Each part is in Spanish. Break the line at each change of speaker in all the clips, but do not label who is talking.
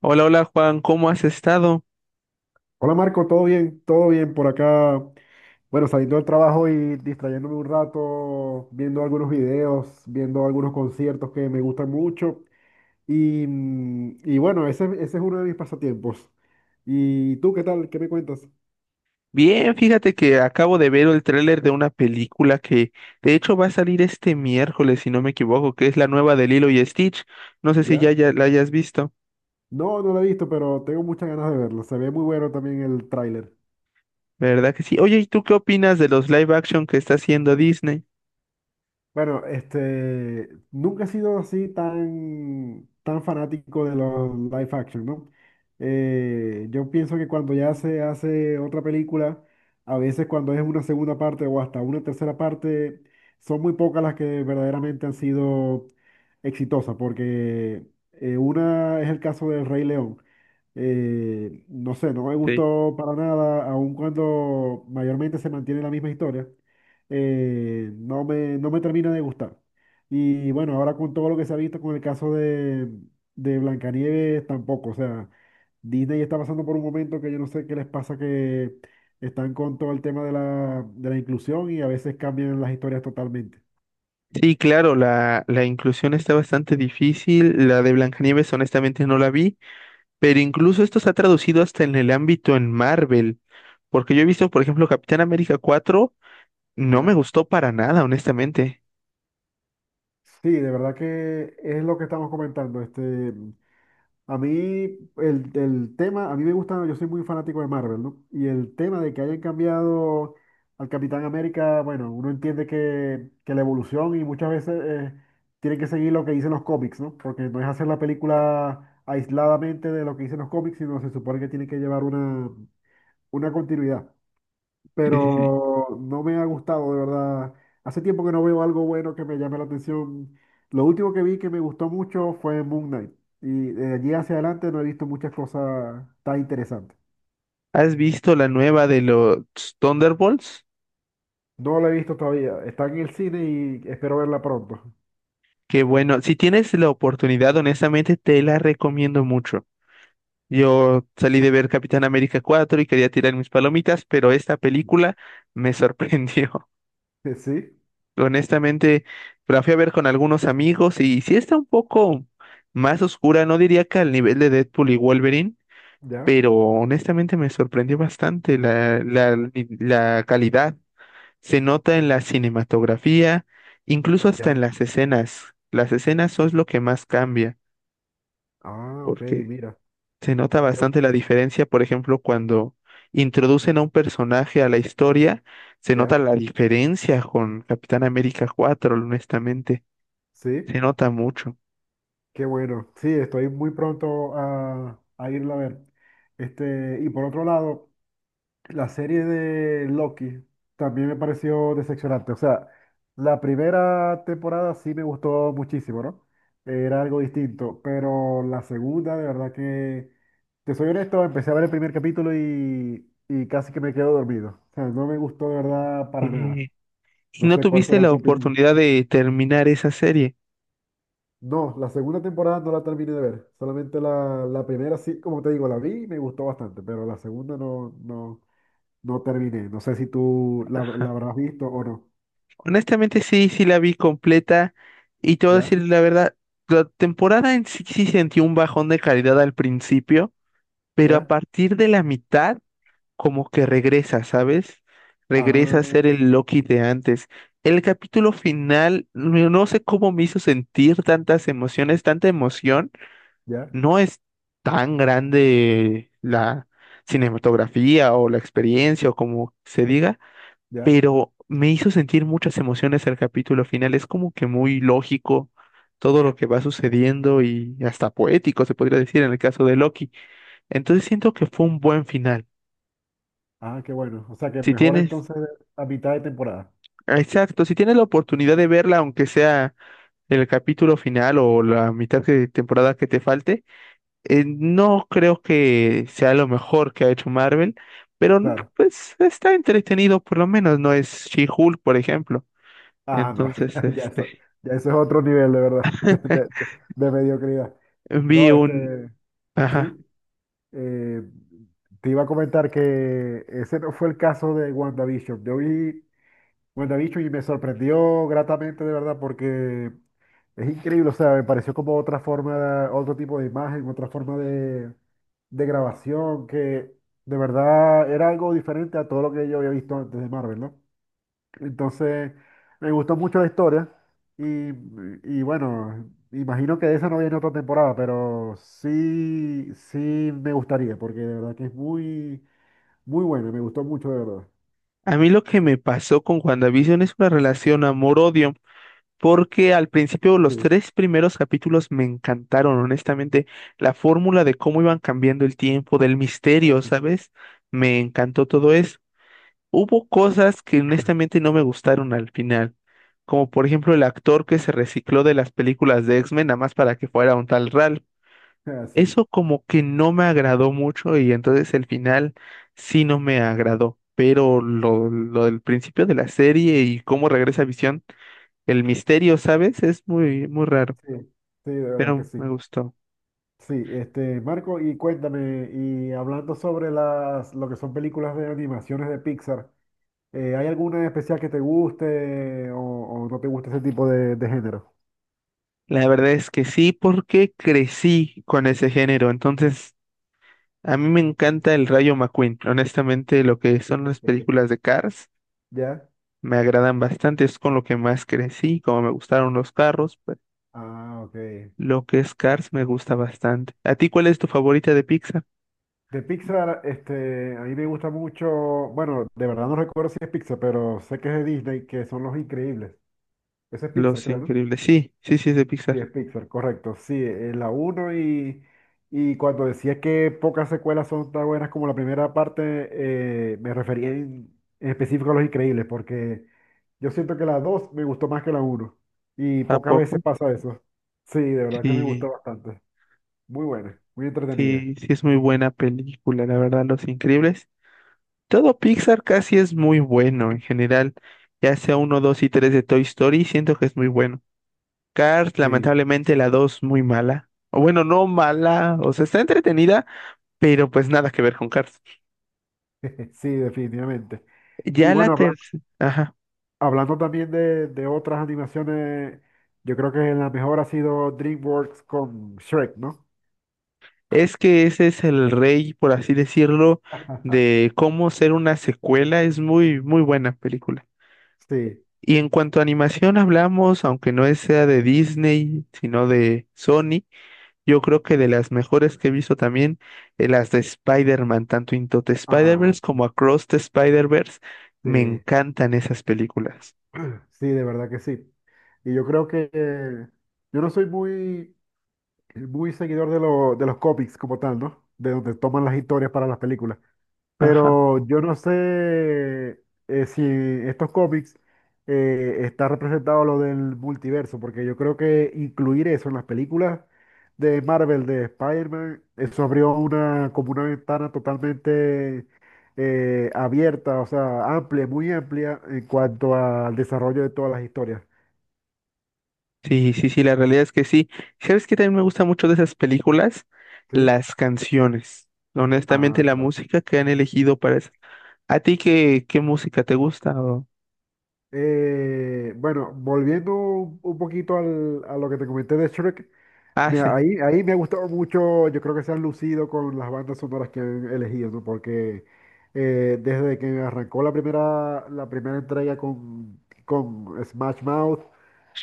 Hola, hola Juan, ¿cómo has estado?
Hola Marco, ¿todo bien? ¿Todo bien por acá? Bueno, saliendo del trabajo y distrayéndome un rato, viendo algunos videos, viendo algunos conciertos que me gustan mucho. Y, y bueno, ese es uno de mis pasatiempos. ¿Y tú qué tal? ¿Qué me cuentas?
Bien, fíjate que acabo de ver el tráiler de una película que de hecho va a salir este miércoles, si no me equivoco, que es la nueva de Lilo y Stitch. No sé si ya,
¿Ya?
ya la hayas visto,
No, no lo he visto, pero tengo muchas ganas de verlo. Se ve muy bueno también el tráiler.
¿verdad que sí? Oye, ¿y tú qué opinas de los live action que está haciendo Disney?
Bueno, este, nunca he sido así tan fanático de los live action, ¿no? Yo pienso que cuando ya se hace otra película, a veces cuando es una segunda parte o hasta una tercera parte, son muy pocas las que verdaderamente han sido exitosas, porque una es el caso del Rey León. No sé, no me
Sí.
gustó para nada, aun cuando mayormente se mantiene la misma historia, no no me termina de gustar. Y bueno, ahora con todo lo que se ha visto con el caso de Blancanieves tampoco, o sea, Disney está pasando por un momento que yo no sé qué les pasa, que están con todo el tema de de la inclusión y a veces cambian las historias totalmente.
Sí, claro, la inclusión está bastante difícil. La de Blancanieves, honestamente, no la vi, pero incluso esto se ha traducido hasta en el ámbito en Marvel, porque yo he visto, por ejemplo, Capitán América 4. No me
¿Ya?
gustó para nada, honestamente.
Sí, de verdad que es lo que estamos comentando. Este, a mí, el tema, a mí me gusta, yo soy muy fanático de Marvel, ¿no? Y el tema de que hayan cambiado al Capitán América, bueno, uno entiende que la evolución y muchas veces tiene que seguir lo que dicen los cómics, ¿no? Porque no es hacer la película aisladamente de lo que dicen los cómics, sino se supone que tiene que llevar una continuidad,
Sí, sí, sí.
pero no me ha gustado, de verdad. Hace tiempo que no veo algo bueno que me llame la atención. Lo último que vi que me gustó mucho fue Moon Knight. Y de allí hacia adelante no he visto muchas cosas tan interesantes.
¿Has visto la nueva de los Thunderbolts?
No la he visto todavía. Está en el cine y espero verla pronto.
Que bueno, si tienes la oportunidad, honestamente, te la recomiendo mucho. Yo salí de ver Capitán América 4 y quería tirar mis palomitas, pero esta película me sorprendió.
Sí,
Honestamente, la fui a ver con algunos amigos y sí está un poco más oscura, no diría que al nivel de Deadpool y Wolverine,
ya,
pero honestamente me sorprendió bastante la calidad. Se nota en la cinematografía, incluso hasta en
ya.
las escenas. Las escenas son lo que más cambia,
Ah, ok,
porque
mira.
se nota
Qué bu-
bastante la diferencia, por ejemplo, cuando introducen a un personaje a la historia, se nota
Ya,
la diferencia con Capitán América cuatro, honestamente,
sí,
se nota mucho.
qué bueno. Sí, estoy muy pronto a irla a ver. Este, y por otro lado. La serie de Loki también me pareció decepcionante. O sea, la primera temporada sí me gustó muchísimo, ¿no? Era algo distinto, pero la segunda, de verdad que, te soy honesto, empecé a ver el primer capítulo y casi que me quedo dormido. O sea, no me gustó de verdad para nada.
Eh, ¿Y
No
no
sé cuál
tuviste
será
la
tu opinión.
oportunidad de terminar esa serie?
No, la segunda temporada no la terminé de ver. Solamente la primera sí, como te digo, la vi y me gustó bastante, pero la segunda no, no. No terminé. No sé si tú la
Ajá.
habrás visto o no.
Honestamente sí, sí la vi completa y te voy a
¿Ya?
decir la verdad, la temporada en sí sí sentí un bajón de calidad al principio, pero a
¿Ya?
partir de la mitad como que regresa, ¿sabes? Regresa a
Ah,
ser el Loki de antes. El capítulo final, no no sé cómo me hizo sentir tantas emociones, tanta emoción.
ya,
No es tan grande la cinematografía o la experiencia o como se diga,
ya.
pero me hizo sentir muchas emociones el capítulo final. Es como que muy lógico todo lo que va sucediendo y hasta poético, se podría decir en el caso de Loki. Entonces siento que fue un buen final.
Ah, qué bueno. O sea que
Si
mejor
tienes,
entonces a mitad de temporada.
exacto, si tienes la oportunidad de verla, aunque sea el capítulo final o la mitad de temporada que te falte, no creo que sea lo mejor que ha hecho Marvel, pero
Claro.
pues está entretenido, por lo menos no es She-Hulk, por ejemplo.
Ah, no.
Entonces,
Ya
este.
eso, ya eso es otro nivel, de verdad. De, de- de mediocridad.
Vi
No,
un...
este,
Ajá.
sí. eh, Te iba a comentar que ese no fue el caso de WandaVision. Yo vi WandaVision y me sorprendió gratamente, de verdad, porque es increíble, o sea, me pareció como otra forma, otro tipo de imagen, otra forma de grabación, que de verdad era algo diferente a todo lo que yo había visto antes de Marvel, ¿no? Entonces, me gustó mucho la historia y, y bueno, imagino que de esa no viene otra temporada, pero sí, sí me gustaría, porque de verdad que es muy, muy buena, me gustó mucho, de verdad.
A mí lo que me pasó con WandaVision es una relación amor-odio, porque al principio los
Sí,
tres primeros capítulos me encantaron, honestamente. La fórmula de cómo iban cambiando el tiempo, del misterio, ¿sabes? Me encantó todo eso. Hubo cosas que honestamente no me gustaron al final, como por ejemplo el actor que se recicló de las películas de X-Men, nada más para que fuera un tal Ralph.
sí,
Eso como que no me agradó mucho y entonces el final sí no me agradó, pero lo del principio de la serie y cómo regresa Visión, el misterio, ¿sabes? Es muy, muy raro,
sí, sí, de verdad que
pero
sí.
me gustó.
Sí, este, Marco, y cuéntame, y hablando sobre las, lo que son películas de animaciones de Pixar, ¿hay alguna en especial que te guste o no te gusta ese tipo de género?
La verdad es que sí, porque crecí con ese género, entonces a mí me encanta el Rayo McQueen. Honestamente, lo que son las películas de Cars
¿Ya?
me agradan bastante, es con lo que más crecí, como me gustaron los carros,
Ah, ok.
Lo que es Cars me gusta bastante. ¿A ti cuál es tu favorita de Pixar?
De Pixar, este, a mí me gusta mucho, bueno, de verdad no recuerdo si es Pixar, pero sé que es de Disney, que son Los Increíbles. Ese es Pixar,
Los
creo, ¿no?
Increíbles. Sí, sí, sí es de
Sí,
Pixar.
es Pixar, correcto. Sí, la uno y cuando decía que pocas secuelas son tan buenas como la primera parte, me refería en específico a Los Increíbles, porque yo siento que la 2 me gustó más que la uno y
¿A
pocas
poco?
veces pasa eso. Sí, de verdad que me
Sí,
gustó bastante. Muy buena, muy entretenida.
sí, sí es muy buena película, la verdad, Los Increíbles. Todo Pixar casi es muy bueno en general. Ya sea uno, dos y tres de Toy Story, siento que es muy bueno. Cars,
Sí,
lamentablemente, la dos muy mala. O bueno, no mala, o sea, está entretenida, pero pues nada que ver con Cars.
sí, definitivamente. Y
Ya la
bueno,
tercera.
hablando también de otras animaciones, yo creo que la mejor ha sido DreamWorks con Shrek, ¿no?
Es que ese es el rey, por así decirlo, de cómo ser una secuela. Es muy, muy buena película.
Sí.
Y en cuanto a animación hablamos, aunque no es- sea de Disney, sino de Sony, yo creo que de las mejores que he visto también, las de Spider-Man, tanto Into the
Ah,
Spider-Verse como Across the Spider-Verse, me
sí,
encantan esas películas.
sí, de verdad que sí. Y yo creo que yo no soy muy seguidor de, de los cómics como tal, ¿no? De donde toman las historias para las películas.
Ajá.
Pero yo no sé si estos cómics está representado lo del multiverso, porque yo creo que incluir eso en las películas de Marvel, de Spider-Man, eso abrió una, como una ventana totalmente abierta, o sea, amplia, muy amplia en cuanto al desarrollo de todas las historias.
Sí, sí, sí, la realidad es que sí. ¿Sabes qué también me gusta mucho de esas películas?
¿Sí?
Las canciones. Honestamente,
Ah,
la
claro.
música que han elegido para eso. ¿A ti qué música te gusta?
Bueno, volviendo un poquito al- a lo que te comenté de Shrek.
Ah,
Mira,
sí.
ahí me ha gustado mucho, yo creo que se han lucido con las bandas sonoras que han elegido, ¿no? Porque desde que arrancó la primera entrega con Smash Mouth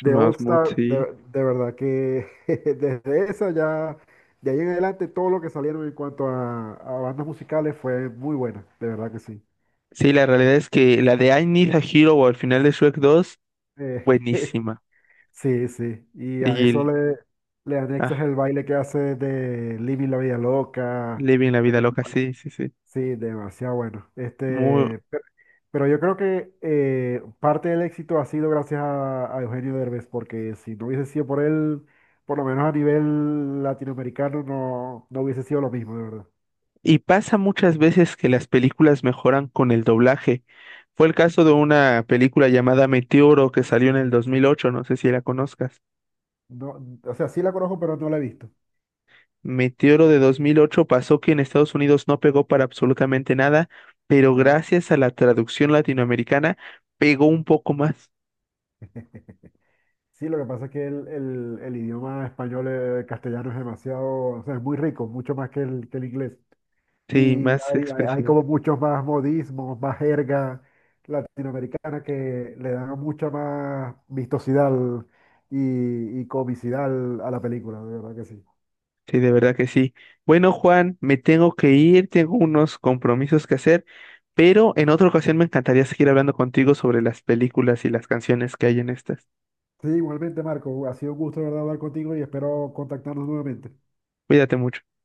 de All
Mouth,
Star,
sí.
de verdad que desde esa ya, de ahí en adelante todo lo que salieron en cuanto a bandas musicales fue muy buena, de verdad que sí.
Sí, la realidad es que la de I Need a Hero o al final de Shrek 2,
Eh,
buenísima.
sí, sí, y a
Y
eso
el-
le, le anexas
ah,
el baile que hace de Living la Vida Loca.
Living la vida loca, sí, sí, sí.
Sí, demasiado bueno.
Muy,
Este, pero yo creo que parte del éxito ha sido gracias a Eugenio Derbez, porque si no hubiese sido por él, por lo menos a nivel latinoamericano, no, no hubiese sido lo mismo, de verdad.
Y pasa muchas veces que las películas mejoran con el doblaje. Fue el caso de una película llamada Meteoro que salió en el dos mil ocho. No sé si la conozcas.
No, o sea, sí la conozco, pero no la he visto.
Meteoro de 2008 pasó que en Estados Unidos no pegó para absolutamente nada, pero
¿Ya?
gracias a la traducción latinoamericana pegó un poco más,
Sí, lo que pasa es que el, el idioma español, castellano es demasiado, o sea, es muy rico, mucho más que el inglés.
sí,
Y
más
hay, hay
expresivo.
como muchos más modismos, más jerga latinoamericana que le dan mucha más vistosidad al- y comicidad al- a la película, de verdad que sí.
Sí, de verdad que sí. Bueno, Juan, me tengo que ir, tengo unos compromisos que hacer, pero en otra ocasión me encantaría seguir hablando contigo sobre las películas y las canciones que hay en estas.
Sí, igualmente, Marco, ha sido un gusto, de verdad, hablar contigo y espero contactarnos nuevamente.
Cuídate mucho.